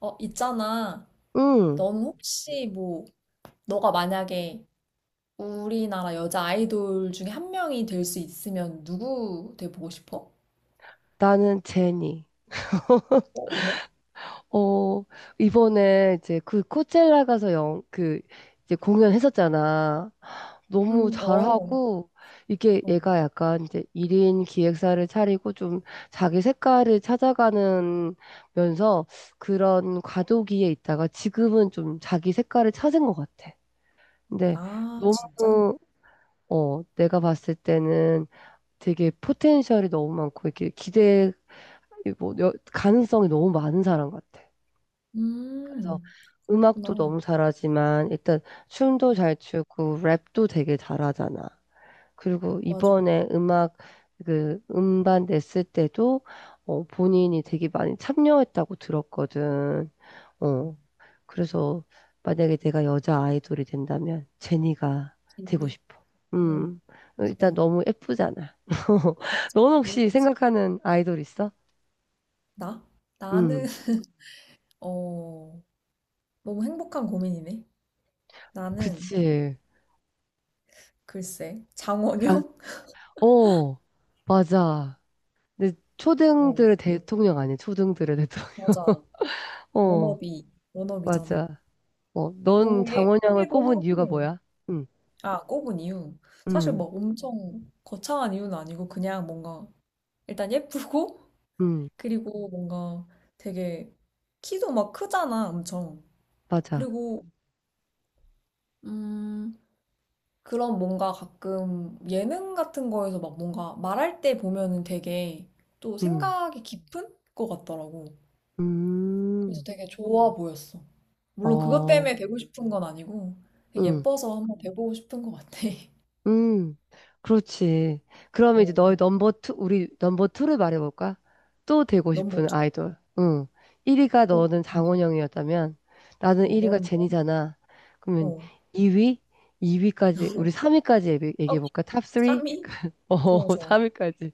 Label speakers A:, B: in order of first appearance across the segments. A: 어, 있잖아.
B: 응,
A: 넌 혹시 뭐, 너가 만약에 우리나라 여자 아이돌 중에 한 명이 될 수 있으면 누구 돼보고 싶어?
B: 나는 제니.
A: 어, 왜?
B: 어, 이번에 이제 그 코첼라 가서 영, 그 이제 공연했었잖아. 너무
A: 어,
B: 잘하고, 이게
A: 어.
B: 얘가 약간 이제 1인 기획사를 차리고 좀 자기 색깔을 찾아가는 면서 그런 과도기에 있다가 지금은 좀 자기 색깔을 찾은 것 같아. 근데
A: 아, 진짜?
B: 너무, 내가 봤을 때는 되게 포텐셜이 너무 많고, 이렇게 기대, 이뭐 가능성이 너무 많은 사람 같아. 그래서
A: 음,
B: 음악도
A: 그렇구나.
B: 너무 잘하지만 일단 춤도 잘 추고 랩도 되게 잘하잖아. 그리고
A: 맞아.
B: 이번에 음악 그 음반 냈을 때도 본인이 되게 많이 참여했다고 들었거든. 어, 그래서 만약에 내가 여자 아이돌이 된다면 제니가 되고
A: 이-
B: 싶어.
A: 어,
B: 음, 일단
A: 참,
B: 너무 예쁘잖아.
A: 맞아.
B: 넌 혹시
A: 그렇지.
B: 생각하는 아이돌 있어?
A: 나? 나는,
B: 음,
A: 어, 너무 행복한 고민이네. 나는,
B: 그치.
A: 글쎄,
B: 가,
A: 장원영?
B: 어, 맞아. 근데
A: 어,
B: 초등들의 대통령 아니야, 초등들의 대통령.
A: 맞아.
B: 어,
A: 워너비, 워너비잖아.
B: 맞아. 넌
A: 너무
B: 장원영을
A: 예쁘기도
B: 꼽은 이유가
A: 하고,
B: 뭐야? 응,
A: 아, 꼽은 이유. 사실
B: 응,
A: 막 엄청 거창한 이유는 아니고, 그냥 뭔가, 일단 예쁘고,
B: 응,
A: 그리고 뭔가 되게, 키도 막 크잖아, 엄청.
B: 맞아.
A: 그리고, 음, 그런 뭔가 가끔 예능 같은 거에서 막 뭔가 말할 때 보면은 되게 또
B: 응,
A: 생각이 깊은 것 같더라고. 그래서
B: 음,
A: 되게 좋아 보였어. 물론 그것
B: 어,
A: 때문에 되고 싶은 건 아니고, 그냥
B: 응.
A: 예뻐서 한번 돼보고 싶은 것 같아.
B: 음, 그렇지. 그러면 이제
A: 어,
B: 우리 넘버 투를 말해볼까? 또 되고
A: 너무
B: 싶은
A: 멋져.
B: 아이돌. 응. 1위가
A: 어,
B: 너는
A: 음.
B: 장원영이었다면, 나는
A: 어,
B: 1위가
A: 너는 뭐야?
B: 제니잖아. 그러면
A: 어.
B: 2위? 2위까지, 우리 3위까지
A: 어,
B: 얘기해볼까? 탑
A: 삼
B: 3?
A: 위 좋아, 좋아.
B: 3위까지.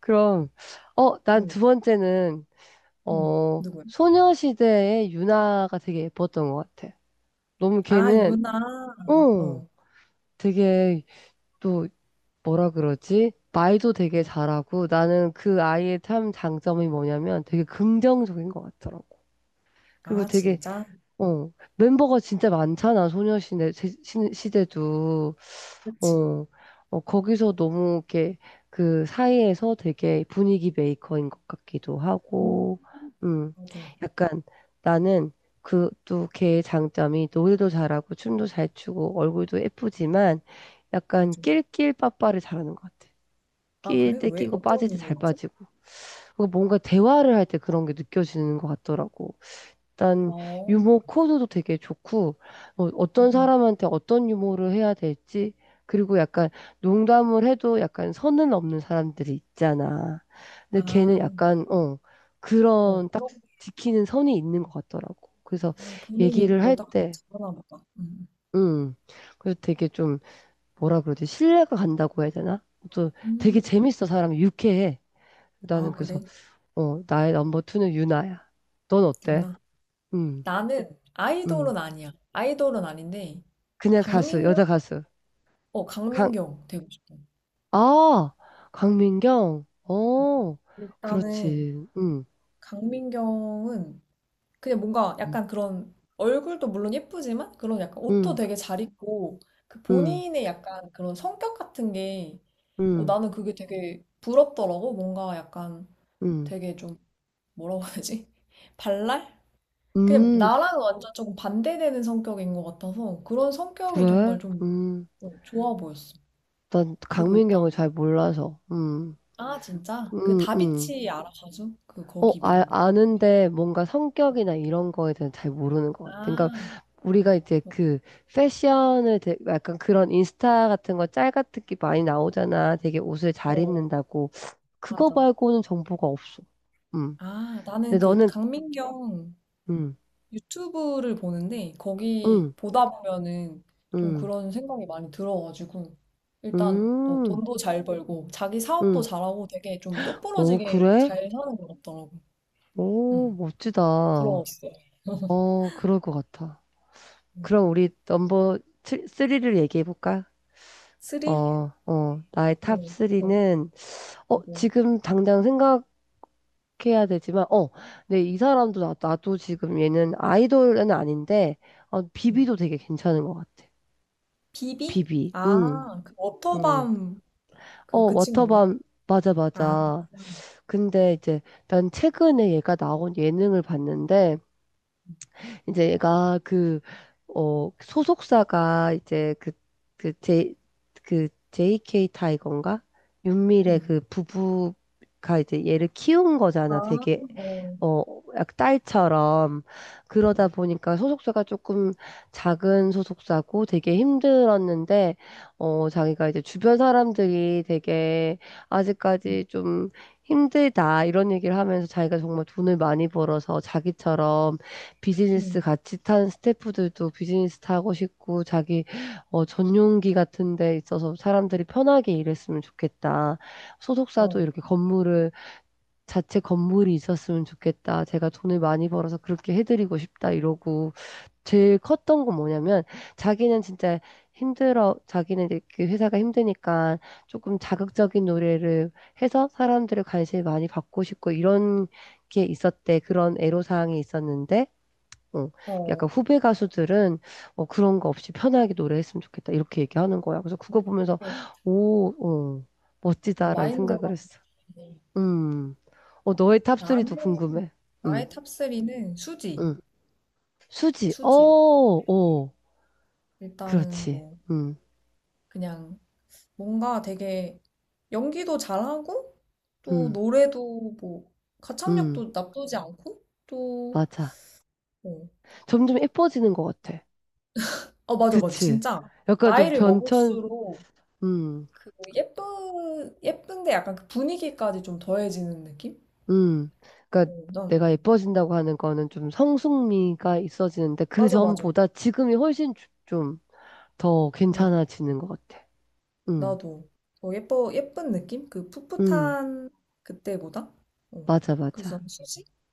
B: 그럼, 난
A: 응,
B: 두 번째는,
A: 응. 누구야?
B: 소녀시대의 유나가 되게 예뻤던 것 같아. 너무
A: 아,
B: 걔는,
A: 유나.
B: 어,
A: 어,
B: 되게, 또 뭐라 그러지? 말도 되게
A: 어.
B: 잘하고 나는 그 아이의 참 장점이 뭐냐면 되게 긍정적인 것 같더라고. 그리고
A: 아,
B: 되게
A: 진짜?
B: 멤버가 진짜 많잖아. 소녀시대 시대도
A: 그치.
B: 어, 거기서 너무 이렇게 그 사이에서 되게 분위기 메이커인 것 같기도
A: 음,
B: 하고 음
A: 맞아,
B: 약간 나는 그 또 걔의 장점이 노래도 잘하고 춤도 잘 추고 얼굴도 예쁘지만 약간
A: 맞아.
B: 낄낄빠빠를 잘하는 것 같아.
A: 아,
B: 끼일
A: 그래?
B: 때
A: 왜?
B: 끼고
A: 어떤
B: 빠질 때 잘
A: 이유였어?
B: 빠지고. 그 뭔가 대화를 할 때 그런 게 느껴지는 것 같더라고. 일단
A: 어,
B: 유머 코드도 되게 좋고 어떤
A: 음.
B: 사람한테 어떤 유머를 해야 될지. 그리고 약간 농담을 해도 약간 선을 넘는 사람들이 있잖아. 근데 걔는
A: 아,
B: 약간
A: 어,
B: 그런 딱
A: 그렇구나.
B: 지키는 선이 있는 것 같더라고. 그래서
A: 본인이
B: 얘기를 할
A: 그걸 딱
B: 때,
A: 잡아나 보다.
B: 음, 그래서 되게 좀 뭐라 그러지? 신뢰가 간다고 해야 되나? 또 되게
A: 음.
B: 재밌어. 사람이 유쾌해. 나는
A: 아,
B: 그래서
A: 그래?
B: 나의 넘버 투는 유나야. 넌 어때?
A: 유나.
B: 음,
A: 나는
B: 음.
A: 아이돌은 아니야. 아이돌은 아닌데,
B: 그냥 가수, 여자
A: 강민경?
B: 가수.
A: 어,
B: 강,
A: 강민경 되고 싶어.
B: 아, 강민경.
A: 응. 일단은,
B: 그렇지.
A: 강민경은 그냥 뭔가
B: 음,
A: 약간 그런 얼굴도 물론 예쁘지만 그런 약간 옷도
B: 음,
A: 되게 잘 입고 그
B: 음,
A: 본인의 약간 그런 성격 같은 게 어,
B: 음,
A: 나는 그게 되게 부럽더라고. 뭔가 약간
B: 음,
A: 되게 좀 뭐라고 해야 되지? 발랄? 그냥
B: 음,
A: 나랑 완전 조금 반대되는 성격인 것 같아서 그런 성격이
B: 그래?
A: 정말 좀 어, 좋아 보였어.
B: 난
A: 그리고
B: 강민경을
A: 일단
B: 잘 몰라서.
A: 아, 진짜? 그
B: 음, 음.
A: 다비치 알아 가수? 그 거기 멤버.
B: 아는데 뭔가 성격이나 이런 거에 대해 잘 모르는 것 같아. 그러니까
A: 아,
B: 우리가 이제
A: 어,
B: 그 패션을 약간 그런 인스타 같은 거 짤 같은 게 많이 나오잖아. 되게 옷을 잘
A: 어,
B: 입는다고. 그거
A: 맞아.
B: 말고는 정보가 없어. 음.
A: 아, 나는
B: 근데
A: 그
B: 너는
A: 강민경
B: 음.
A: 유튜브를 보는데 거기
B: 음.
A: 보다 보면은 좀
B: 음.
A: 그런 생각이 많이 들어가지고 일단 어,
B: 음.
A: 돈도 잘 벌고 자기 사업도
B: 음.
A: 잘하고 되게 좀
B: 오,
A: 똑부러지게
B: 그래?
A: 잘 사는 것 같더라고.
B: 오,
A: 음,
B: 멋지다.
A: 부러웠어.
B: 그럴 것 같아.
A: 음.
B: 그럼 우리 넘버 3를 얘기해 볼까?
A: 쓰리?
B: 어, 나의 탑
A: 어,
B: 3는,
A: 그거.
B: 지금 당장 생각 해야 되지만, 근데 이 사람도 나도 지금 얘는 아이돌은 아닌데,
A: 음.
B: 비비도 되게 괜찮은 것 같아.
A: 비비?
B: 비비,
A: 아, 그
B: 음
A: 워터밤 그, 그 친구인가?
B: 워터밤, 맞아,
A: 아,
B: 맞아. 근데 이제 난 최근에 얘가 나온 예능을 봤는데, 이제 얘가 그, 소속사가 이제 그, 제, JK 타이거인가? 윤미래
A: 음.
B: 그 부부가 이제 얘를 키운
A: 아,
B: 거잖아. 되게
A: 어,
B: 어, 약 딸처럼
A: 어,
B: 그러다
A: 어.
B: 보니까 소속사가 조금 작은 소속사고 되게 힘들었는데 자기가 이제 주변 사람들이 되게
A: 음,
B: 아직까지 좀 힘들다 이런 얘기를 하면서 자기가 정말 돈을 많이 벌어서 자기처럼 비즈니스
A: 음.
B: 같이 탄 스태프들도 비즈니스 타고 싶고, 자기 전용기 같은 데 있어서 사람들이 편하게 일했으면 좋겠다. 소속사도
A: 어,
B: 이렇게 건물을 자체 건물이 있었으면 좋겠다. 제가 돈을 많이 벌어서 그렇게 해드리고 싶다. 이러고. 제일 컸던 건 뭐냐면 자기는 진짜 힘들어. 자기는 이제 그 회사가 힘드니까 조금 자극적인 노래를 해서 사람들의 관심을 많이 받고 싶고 이런 게 있었대. 그런 애로사항이 있었는데 어,
A: 어.
B: 약간 후배 가수들은 그런 거 없이 편하게 노래했으면 좋겠다 이렇게 얘기하는 거야. 그래서 그거 보면서
A: 되게
B: 오, 멋지다라는 생각을
A: 마인드가
B: 했어.
A: 네.
B: 음. 너의 탑리
A: 나는
B: 도 궁금해. 응,
A: 나의 탑 3는 수지,
B: 응. 수지. 어,
A: 수지야.
B: 어.
A: 일단은
B: 그렇지.
A: 뭐
B: 응,
A: 그냥 뭔가 되게 연기도 잘하고 또
B: 응,
A: 노래도 뭐
B: 응.
A: 가창력도 나쁘지 않고 또
B: 맞아.
A: 어,
B: 점점 예뻐지는 것 같아.
A: 어 맞아 맞아
B: 그치?
A: 진짜
B: 약간 좀
A: 나이를
B: 변천,
A: 먹을수록
B: 음,
A: 그 예쁜 예쁜데 약간 그 분위기까지 좀 더해지는 느낌?
B: 음. 그러니까
A: 어, 난
B: 내가 예뻐진다고 하는 거는 좀 성숙미가 있어지는데 그
A: 맞아 맞아
B: 전보다 지금이 훨씬 좀 더
A: 맞아
B: 괜찮아지는 것 같아. 음,
A: 나도 더 예뻐 예쁜 느낌? 그
B: 음.
A: 풋풋한 그때보다? 어.
B: 맞아,
A: 그래서
B: 맞아.
A: 난 수지가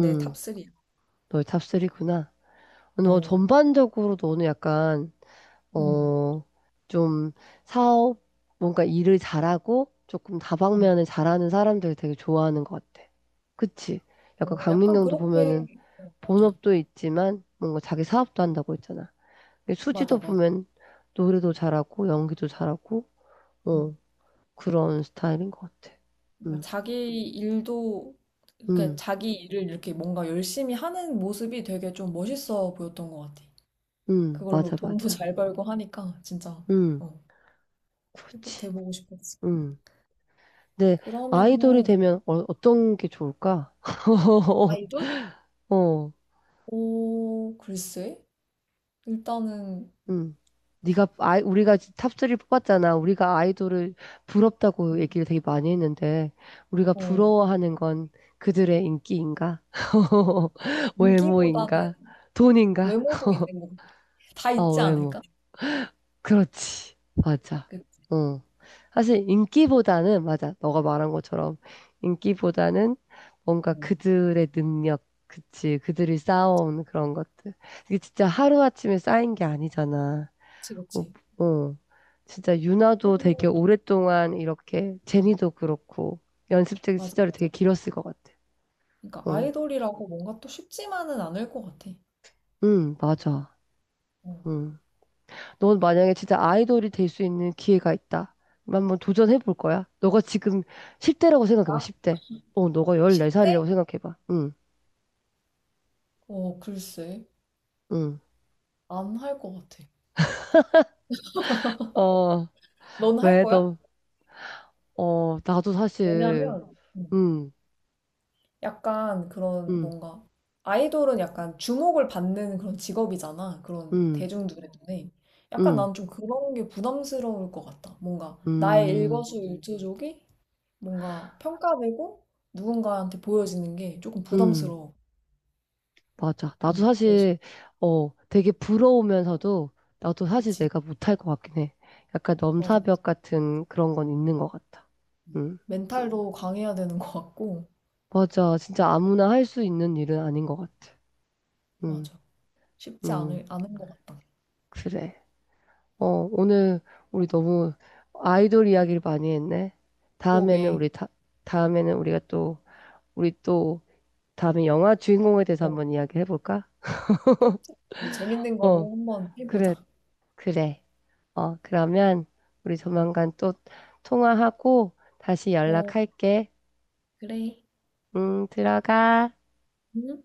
A: 내 탑3야.
B: 너의 탑리구나. 너
A: 어.
B: 전반적으로 너는 약간
A: 음.
B: 어, 좀 사업, 뭔가 일을 잘하고 조금
A: 음.
B: 다방면을 잘하는 사람들 되게 좋아하는 것 같아. 그치?
A: 어,
B: 약간
A: 약간
B: 강민경도
A: 그렇게
B: 보면은
A: 어, 맞아.
B: 본업도 있지만 뭔가 자기 사업도 한다고 했잖아. 근데
A: 맞아,
B: 수지도
A: 맞아.
B: 보면 노래도 잘하고 연기도 잘하고
A: 음.
B: 어, 그런 스타일인 것 같아.
A: 그러니까
B: 음,
A: 자기 일도 그러니까
B: 음,
A: 자기 일을 이렇게 뭔가 열심히 하는 모습이 되게 좀 멋있어 보였던 것 같아. 그걸로
B: 맞아,
A: 돈도
B: 맞아.
A: 잘 벌고 하니까 진짜
B: 음,
A: 어,
B: 그렇지.
A: 돼보고 싶었어.
B: 음. 근데 아이돌이
A: 그러면은
B: 되면 어떤 게 좋을까?
A: 아이돌?
B: 어.
A: 오, 글쎄. 일단은
B: 응. 네가 아이 우리가 탑3 뽑았잖아. 우리가 아이돌을 부럽다고
A: 음.
B: 얘기를 되게 많이 했는데 우리가
A: 어,
B: 부러워하는 건 그들의 인기인가?
A: 인기보다는
B: 외모인가? 돈인가?
A: 외모도 있는 것 같아. 다
B: 아,
A: 있지
B: 외모.
A: 않을까?
B: 그렇지. 맞아.
A: 그,
B: 어. 사실 인기보다는 맞아. 너가 말한 것처럼 인기보다는 뭔가
A: 어,
B: 그들의 능력, 그치? 그들이 쌓아온 그런 것들. 이게 진짜 하루아침에 쌓인 게 아니잖아.
A: 그치, 그치.
B: 어, 어. 진짜 유나도
A: 또,
B: 되게 오랫동안 이렇게
A: 어,
B: 제니도 그렇고 연습생
A: 맞아,
B: 시절이 되게
A: 맞아.
B: 길었을 것 같아.
A: 그러니까
B: 응,
A: 아이돌이라고 뭔가 또 쉽지만은 않을 것 같아.
B: 응, 맞아.
A: 어,
B: 응. 넌 만약에 진짜 아이돌이 될 수 있는 기회가 있다. 그럼 한번 도전해 볼 거야? 너가 지금 10대라고 생각해봐,
A: 나
B: 10대. 너가
A: 십
B: 14살이라고
A: 대
B: 생각해봐. 응,
A: 어, 글쎄.
B: 응.
A: 안 할 것 같아.
B: 어,
A: 넌 할
B: 왜
A: 거야?
B: 너, 나도 사실,
A: 왜냐면,
B: 응,
A: 약간 그런
B: 응,
A: 뭔가, 아이돌은 약간 주목을 받는 그런 직업이잖아. 그런
B: 응,
A: 대중들의 눈에. 약간
B: 응,
A: 난 좀 그런 게 부담스러울 것 같다. 뭔가 나의
B: 응,
A: 일거수일투족이 뭔가 평가되고 누군가한테 보여지는 게 조금
B: 응.
A: 부담스러워.
B: 맞아. 나도
A: 응, 그래서.
B: 사실, 되게 부러우면서도, 나도 사실
A: 그치.
B: 내가 못할 것 같긴 해. 약간
A: 맞아, 맞아.
B: 넘사벽 같은 그런 건 있는 것 같아.
A: 응.
B: 응.
A: 멘탈도 강해야 되는 것 같고,
B: 맞아. 진짜 아무나 할 수 있는 일은 아닌 것 같아. 응,
A: 맞아.
B: 응.
A: 않은 것 같다.
B: 그래. 어, 오늘 우리 너무 아이돌 이야기를 많이 했네. 다음에는 우리,
A: 그러게.
B: 다, 다음에는 우리가 또, 우리 또, 다음에 영화 주인공에 대해서
A: 어,
B: 한번 이야기 해볼까?
A: 또, 재밌는
B: 어,
A: 걸로 한번
B: 그래.
A: 해보자.
B: 그래. 그러면 우리 조만간 또 통화하고 다시
A: 어,
B: 연락할게.
A: 그래.
B: 들어가.
A: 응?